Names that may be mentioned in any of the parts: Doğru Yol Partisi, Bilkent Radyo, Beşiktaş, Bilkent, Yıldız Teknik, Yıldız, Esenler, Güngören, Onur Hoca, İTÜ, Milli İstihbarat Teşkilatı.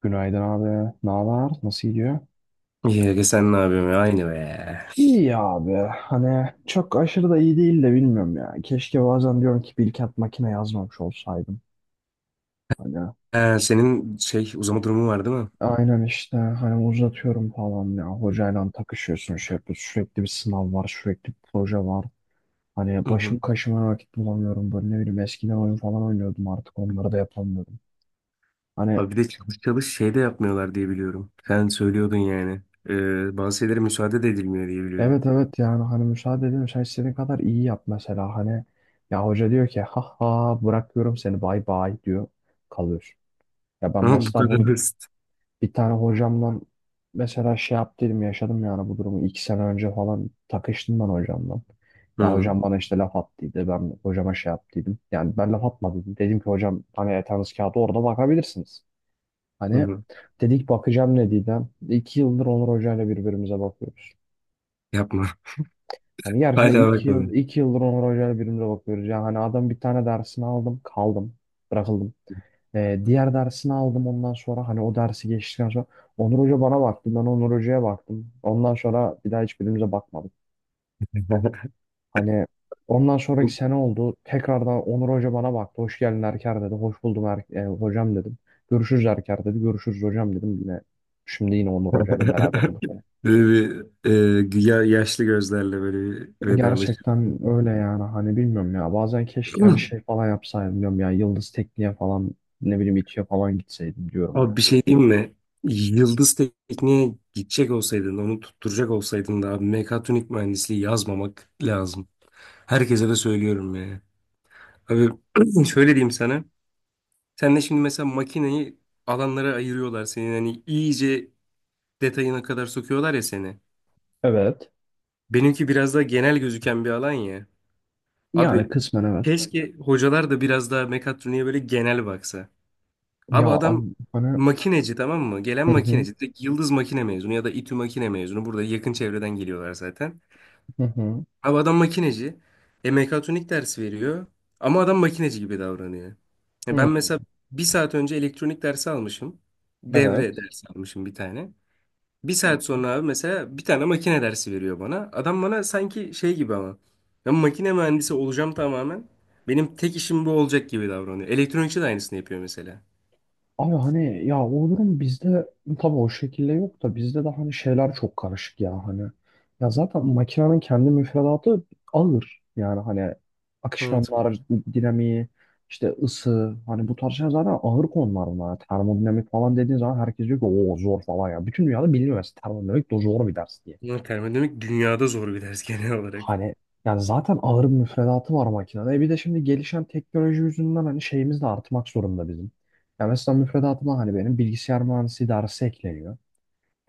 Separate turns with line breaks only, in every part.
Günaydın abi. Ne haber? Nasıl gidiyor?
Yenge sen ne yapıyorsun ya? Aynı be.
İyi abi. Hani çok aşırı da iyi değil de bilmiyorum ya. Keşke bazen diyorum ki bir iki makine yazmamış olsaydım. Hani
Ha, senin şey uzama durumu var değil mi?
aynen işte hani uzatıyorum falan ya. Hocayla takışıyorsun şey yapıyorsun. Sürekli bir sınav var. Sürekli bir proje var. Hani
Hı
başım
hı.
kaşıma vakit bulamıyorum. Böyle ne bileyim eskiden oyun falan oynuyordum artık onları da yapamıyorum. Hani
Abi bir de çalış çalış şey de yapmıyorlar diye biliyorum. Sen söylüyordun yani. Bazı şeylere müsaade de edilmiyor diye biliyorum.
evet evet yani hani müsaade edin sen istediğin kadar iyi yap mesela hani ya hoca diyor ki ha ha bırakıyorum seni bay bay diyor kalıyorsun. Ya ben
Ama bu
mesela
kadar
bunu
basit.
bir tane hocamla mesela şey yaptıydım yaşadım yani bu durumu iki sene önce falan takıştım ben hocamla.
Hı
Ya
hı.
hocam bana işte laf attıydı ben hocama şey yaptıydım yani ben laf atmadım dedim ki hocam hani yatağınız kağıdı orada bakabilirsiniz.
Hı
Hani
hı.
dedik bakacağım ne dedi. İki yıldır Onur Hoca'yla birbirimize bakıyoruz.
Yapma.
Hani gerçekten
Hala bakmadım.
iki yıldır Onur Hoca'yla birbirimize bakıyoruz. Yani hani adam bir tane dersini aldım, kaldım, bırakıldım. Diğer dersini aldım ondan sonra hani o dersi geçtikten sonra Onur Hoca bana baktı, ben Onur Hoca'ya baktım. Ondan sonra bir daha hiçbirimize bakmadık. Hani ondan sonraki sene oldu. Tekrardan Onur Hoca bana baktı. Hoş geldin Erker dedi. Hoş buldum hocam dedim. Görüşürüz Erker dedi. Görüşürüz hocam dedim. Yine şimdi yine Onur Hoca ile beraberim bu sene.
Böyle bir yaşlı gözlerle böyle bir
Gerçekten
vedalaşıyorum.
öyle yani hani bilmiyorum ya bazen keşke hani şey falan yapsaydım diyorum ya Yıldız Tekniğe falan ne bileyim İTÜ'ye falan gitseydim diyorum
Abi
ya.
bir şey diyeyim mi? Yıldız Tekniğe gidecek olsaydın, onu tutturacak olsaydın da abi mekatronik mühendisliği yazmamak lazım. Herkese de söylüyorum ya. Abi şöyle diyeyim sana. Sen de şimdi mesela makineyi alanlara ayırıyorlar seni. Hani iyice detayına kadar sokuyorlar ya seni.
Evet.
Benimki biraz daha genel gözüken bir alan ya.
Yani
Abi
kısmen evet.
keşke hocalar da biraz daha mekatroniğe böyle genel baksa.
Ya
Abi adam
abi, hani,
makineci, tamam mı? Gelen
hı hı,
makineci. Direkt Yıldız makine mezunu ya da İTÜ makine mezunu. Burada yakın çevreden geliyorlar zaten.
hı hı.
Abi adam makineci. Mekatronik dersi veriyor. Ama adam makineci gibi davranıyor. E,
Hı,
ben mesela bir saat önce elektronik dersi almışım. Devre
evet.
dersi almışım bir tane. Bir saat sonra abi mesela bir tane makine dersi veriyor bana. Adam bana sanki şey gibi ama. Ben makine mühendisi olacağım tamamen. Benim tek işim bu olacak gibi davranıyor. Elektronikçi de aynısını yapıyor mesela.
Abi hani ya o durum bizde tabii o şekilde yok da bizde de hani şeyler çok karışık ya hani. Ya zaten makinenin kendi müfredatı ağır. Yani hani
Evet.
akışkanlar, dinamiği, işte ısı hani bu tarz şeyler zaten ağır konular bunlar. Termodinamik falan dediğin zaman herkes diyor ki o zor falan ya. Bütün dünyada biliniyor mesela termodinamik de zor bir ders diye.
Ama termodinamik dünyada zor bir ders genel olarak.
Hani yani zaten ağır bir müfredatı var makinede. E bir de şimdi gelişen teknoloji yüzünden hani şeyimiz de artmak zorunda bizim. Ya mesela müfredatıma hani benim bilgisayar mühendisliği dersi ekleniyor.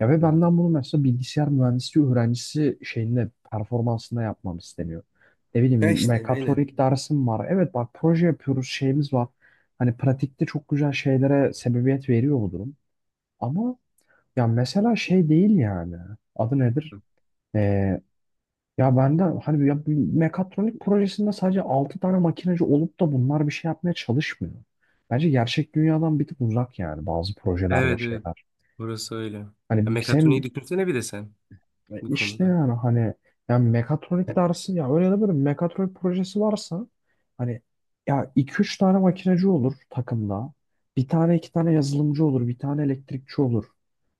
Ya ve
Hı.
benden bunu mesela bilgisayar mühendisliği öğrencisi şeyinde performansında yapmam isteniyor. Ne
Ya
bileyim
işte aynen.
mekatronik dersim var. Evet bak proje yapıyoruz şeyimiz var. Hani pratikte çok güzel şeylere sebebiyet veriyor bu durum. Ama ya mesela şey değil yani. Adı nedir? Ya ben de hani ya bir mekatronik projesinde sadece 6 tane makineci olup da bunlar bir şey yapmaya çalışmıyor. Bence gerçek dünyadan bir tık uzak yani bazı projeler ve
Evet, evet.
şeyler.
Orası öyle. Ya,
Hani
mekatroniği
sen
düşünsene bir de sen bu
işte
konuda.
yani hani yani mekatronik dersi ya öyle de böyle mekatronik projesi varsa hani ya iki üç tane makineci olur takımda. Bir tane iki tane yazılımcı olur, bir tane elektrikçi olur.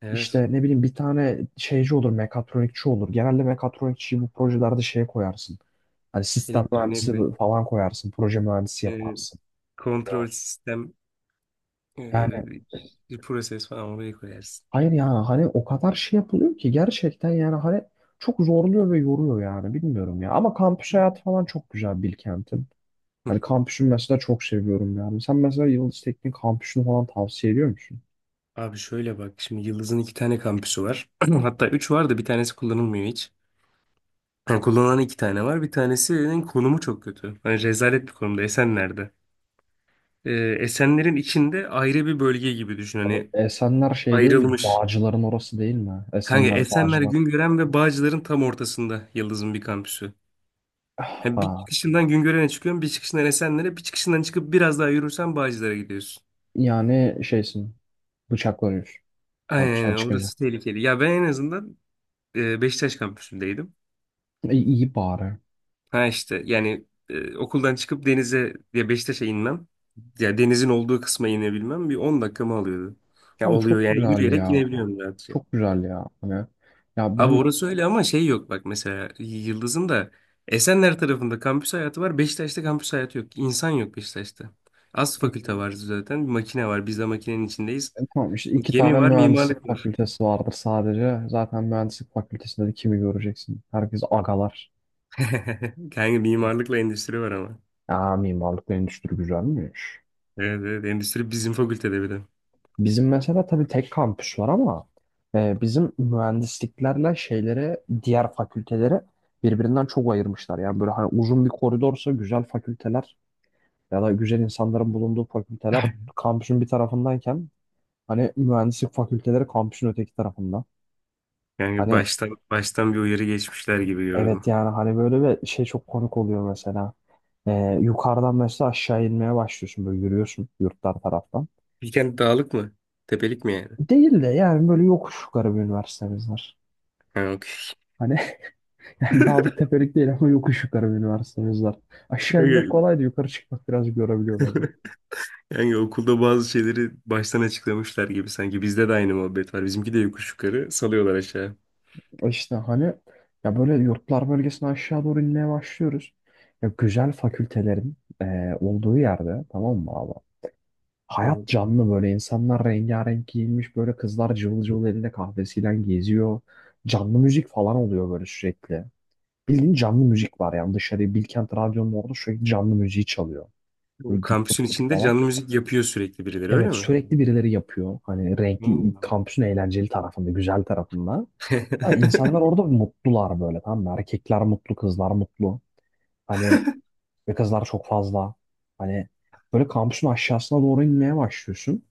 Evet.
İşte ne bileyim bir tane şeyci olur, mekatronikçi olur. Genelde mekatronikçiyi bu projelerde şeye koyarsın. Hani sistem
Elektronik
mühendisi
ve
falan koyarsın, proje mühendisi
e,
yaparsın.
kontrol sistem,
Yani
e, bir proses falan oraya koyarsın.
hayır yani hani o kadar şey yapılıyor ki gerçekten yani hani çok zorluyor ve yoruyor yani bilmiyorum ya. Ama kampüs hayatı falan çok güzel Bilkent'in. Hani kampüsünü mesela çok seviyorum yani. Sen mesela Yıldız Teknik kampüsünü falan tavsiye ediyor musun?
Abi şöyle bak şimdi, Yıldız'ın iki tane kampüsü var. Hatta üç var da bir tanesi kullanılmıyor hiç. Yani kullanılan iki tane var. Bir tanesinin konumu çok kötü. Hani rezalet bir konumda. Esenler'de. Ee, Esenler'in içinde ayrı bir bölge gibi düşün.
Abi
Hani
Esenler şey değil mi?
ayrılmış.
Bağcıların orası değil mi?
Kanka
Esenler
Esenler,
Bağcılar.
Güngören ve Bağcılar'ın tam ortasında Yıldız'ın bir kampüsü. Ha, bir
Ah,
çıkışından Güngören'e çıkıyorsun, bir çıkışından Esenler'e, bir çıkışından çıkıp biraz daha yürürsen Bağcılar'a gidiyorsun.
yani şeysin. Bıçaklanıyorsun.
Aynen,
Hapisten
aynen,
çıkınca.
orası tehlikeli. Ya ben en azından Beşiktaş kampüsündeydim.
E, iyi bari.
Ha işte yani okuldan çıkıp denize, ya Beşiktaş'a inmem, ya denizin olduğu kısma inebilmem bir 10 dakikamı alıyordu. Ya
Abi
oluyor
çok
yani,
güzel
yürüyerek
ya.
inebiliyorum rahatça.
Çok güzel ya. Hani ya
Abi
bizim
orası öyle ama şey yok bak, mesela Yıldız'ın da Esenler tarafında kampüs hayatı var. Beşiktaş'ta kampüs hayatı yok. İnsan yok Beşiktaş'ta. Az fakülte
e,
var zaten. Bir makine var. Biz de makinenin içindeyiz.
tamam işte iki
Gemi
tane
var,
mühendislik
mimarlık var.
fakültesi vardır sadece. Zaten mühendislik fakültesinde de kimi göreceksin? Herkes agalar.
Kanka mimarlıkla endüstri var ama.
Ya mimarlık ve endüstri güzelmiş.
Evet, evet, endüstri bizim fakültede bir de.
Bizim mesela tabii tek kampüs var ama bizim mühendisliklerle şeylere diğer fakültelere birbirinden çok ayırmışlar. Yani böyle hani uzun bir koridorsa güzel fakülteler ya da güzel insanların bulunduğu fakülteler kampüsün bir tarafındayken hani mühendislik fakülteleri kampüsün öteki tarafında.
Yani
Hani
baştan baştan bir uyarı geçmişler gibi gördüm.
evet yani hani böyle bir şey çok komik oluyor mesela. Yukarıdan mesela aşağı inmeye başlıyorsun böyle yürüyorsun yurtlar taraftan.
Bilkent dağlık mı? Tepelik mi yani?
Değil de yani böyle yokuş yukarı bir üniversitemiz var.
Ha, okey.
Hani yani dağlık tepelik değil ama yokuş yukarı bir üniversitemiz var. Aşağı inmek kolaydı yukarı çıkmak biraz görebiliyor bazen.
Yani okulda bazı şeyleri baştan açıklamışlar gibi sanki. Bizde de aynı muhabbet var. Bizimki de yokuş yukarı salıyorlar aşağı.
İşte hani ya böyle yurtlar bölgesine aşağı doğru inmeye başlıyoruz. Ya güzel fakültelerin olduğu yerde tamam mı abi?
Hı
Hayat
hı.
canlı böyle insanlar rengarenk giyinmiş böyle kızlar cıvıl cıvıl elinde kahvesiyle geziyor. Canlı müzik falan oluyor böyle sürekli. Bildiğin canlı müzik var yani dışarıya Bilkent Radyo'nun orada sürekli canlı müziği çalıyor.
Bu
Böyle dup dup
kampüsün
dup
içinde
falan.
canlı müzik yapıyor sürekli birileri, öyle
Evet
mi?
sürekli birileri yapıyor. Hani renkli
Oo.
kampüsün eğlenceli tarafında, güzel tarafında. Ha, insanlar orada mutlular böyle tamam mı? Erkekler mutlu, kızlar mutlu. Hani ve kızlar çok fazla. Hani böyle kampüsün aşağısına doğru inmeye başlıyorsun.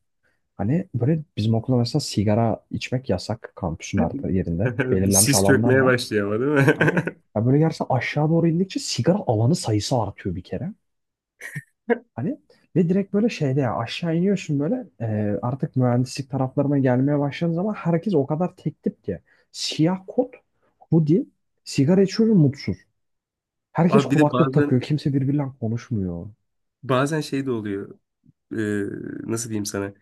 Hani böyle bizim okulda mesela sigara içmek yasak kampüsün her yerinde.
Bir
Belirlenmiş
sis
alanlar
çökmeye
var.
başlıyor ama, değil
Hani
mi?
ya böyle gerçekten aşağı doğru indikçe sigara alanı sayısı artıyor bir kere. Hani ve direkt böyle şeyde ya aşağı iniyorsun böyle artık mühendislik taraflarına gelmeye başladığın zaman herkes o kadar tek tip ki. Siyah kot, hoodie, sigara içiyor ve mutsuz. Herkes
Abi bir de
kulaklık takıyor.
bazen
Kimse birbiriyle konuşmuyor.
şey de oluyor. Ee, nasıl diyeyim sana?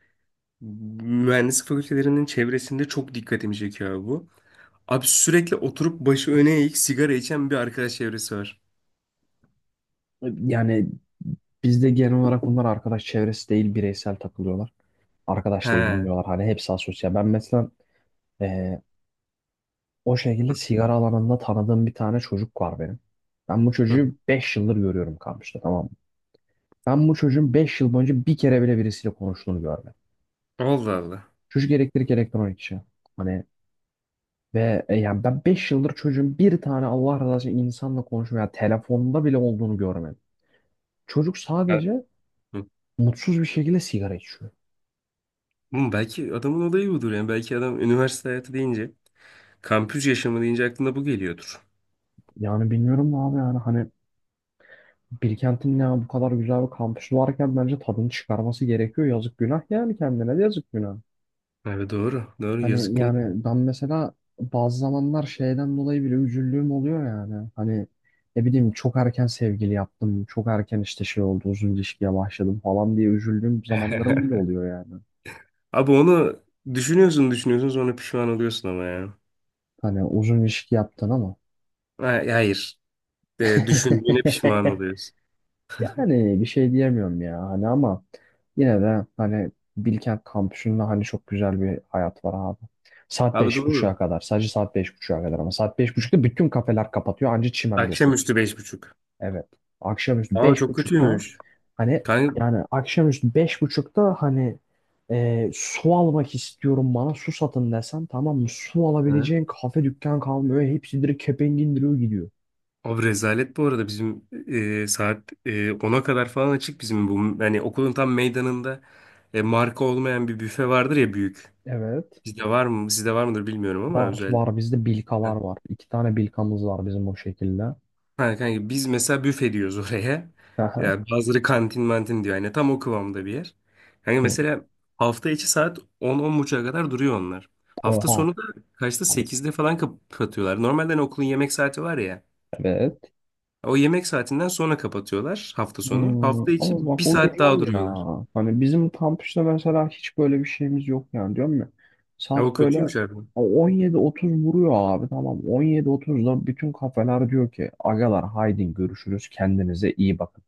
Mühendislik fakültelerinin çevresinde çok dikkatimi çekiyor abi bu. Abi sürekli oturup başı öne eğik sigara içen bir arkadaş çevresi var.
Yani bizde genel olarak bunlar arkadaş çevresi değil bireysel takılıyorlar.
He.
Arkadaş da
Hı.
edinmiyorlar. Hani hepsi asosyal. Ben mesela e, o şekilde sigara alanında tanıdığım bir tane çocuk var benim. Ben bu çocuğu 5 yıldır görüyorum kampüste tamam mı? Ben bu çocuğun 5 yıl boyunca bir kere bile birisiyle konuştuğunu görmedim.
Allah Allah.
Çocuk elektrik elektronik işi. Hani ve yani ben 5 yıldır çocuğun bir tane Allah razı olsun insanla konuşma ya telefonda bile olduğunu görmedim. Çocuk
Evet.
sadece mutsuz bir şekilde sigara içiyor.
Hı, belki adamın olayı budur yani. Belki adam üniversite hayatı deyince, kampüs yaşamı deyince aklına bu geliyordur.
Yani bilmiyorum abi yani hani Bilkent'in ya bu kadar güzel bir kampüsü varken bence tadını çıkarması gerekiyor. Yazık günah yani kendine de yazık günah.
Abi doğru. Doğru,
Hani
yazık günü.
yani ben mesela bazı zamanlar şeyden dolayı bile üzüldüğüm oluyor yani. Hani ne bileyim çok erken sevgili yaptım, çok erken işte şey oldu, uzun ilişkiye başladım falan diye üzüldüğüm zamanlarım bile oluyor yani.
Abi onu düşünüyorsun düşünüyorsun, sonra pişman oluyorsun ama ya.
Hani uzun ilişki yaptın ama.
Hayır. Düşündüğüne pişman oluyorsun.
Yani bir şey diyemiyorum ya hani ama yine de hani Bilkent kampüsünde hani çok güzel bir hayat var abi. Saat
Abi
beş buçuğa
doğru.
kadar. Sadece saat beş buçuğa kadar ama saat beş buçukta bütün kafeler kapatıyor. Anca çimende oturursun.
Akşamüstü beş buçuk.
Evet. Akşamüstü
Aa,
beş
çok
buçukta
kötüymüş.
hani
Kanka.
yani akşamüstü beş buçukta hani su almak istiyorum bana su satın desen tamam mı? Su
Ha?
alabileceğin kafe dükkan kalmıyor. Hepsi direkt kepenk indiriyor gidiyor.
Abi rezalet, bu arada bizim saat 10'a kadar falan açık bizim bu. Yani okulun tam meydanında marka olmayan bir büfe vardır ya büyük.
Evet.
Bizde var mı? Sizde var mıdır bilmiyorum ama
Var
özellikle.
var bizde bilkalar
Ha,
var. İki tane bilkamız var bizim o şekilde.
ha, kanka biz mesela büfe diyoruz oraya.
Aha.
Ya bazıları kantin mantin diyor. Yani tam o kıvamda bir yer. Hani
Hı.
mesela hafta içi saat 10-10.30'a kadar duruyor onlar. Hafta
Oha.
sonu da kaçta? Sekizde falan kapatıyorlar. Normalde hani okulun yemek saati var ya.
Evet.
O yemek saatinden sonra kapatıyorlar hafta sonu.
Hmm,
Hafta
ama
içi
bak
bir
o
saat daha
güzel
duruyorlar.
ya. Hani bizim kampüste mesela hiç böyle bir şeyimiz yok yani diyorum ya.
Ya o
Saat böyle
kötüymüş abi.
17:30 vuruyor abi tamam. 17:30'da bütün kafeler diyor ki agalar haydi görüşürüz kendinize iyi bakın.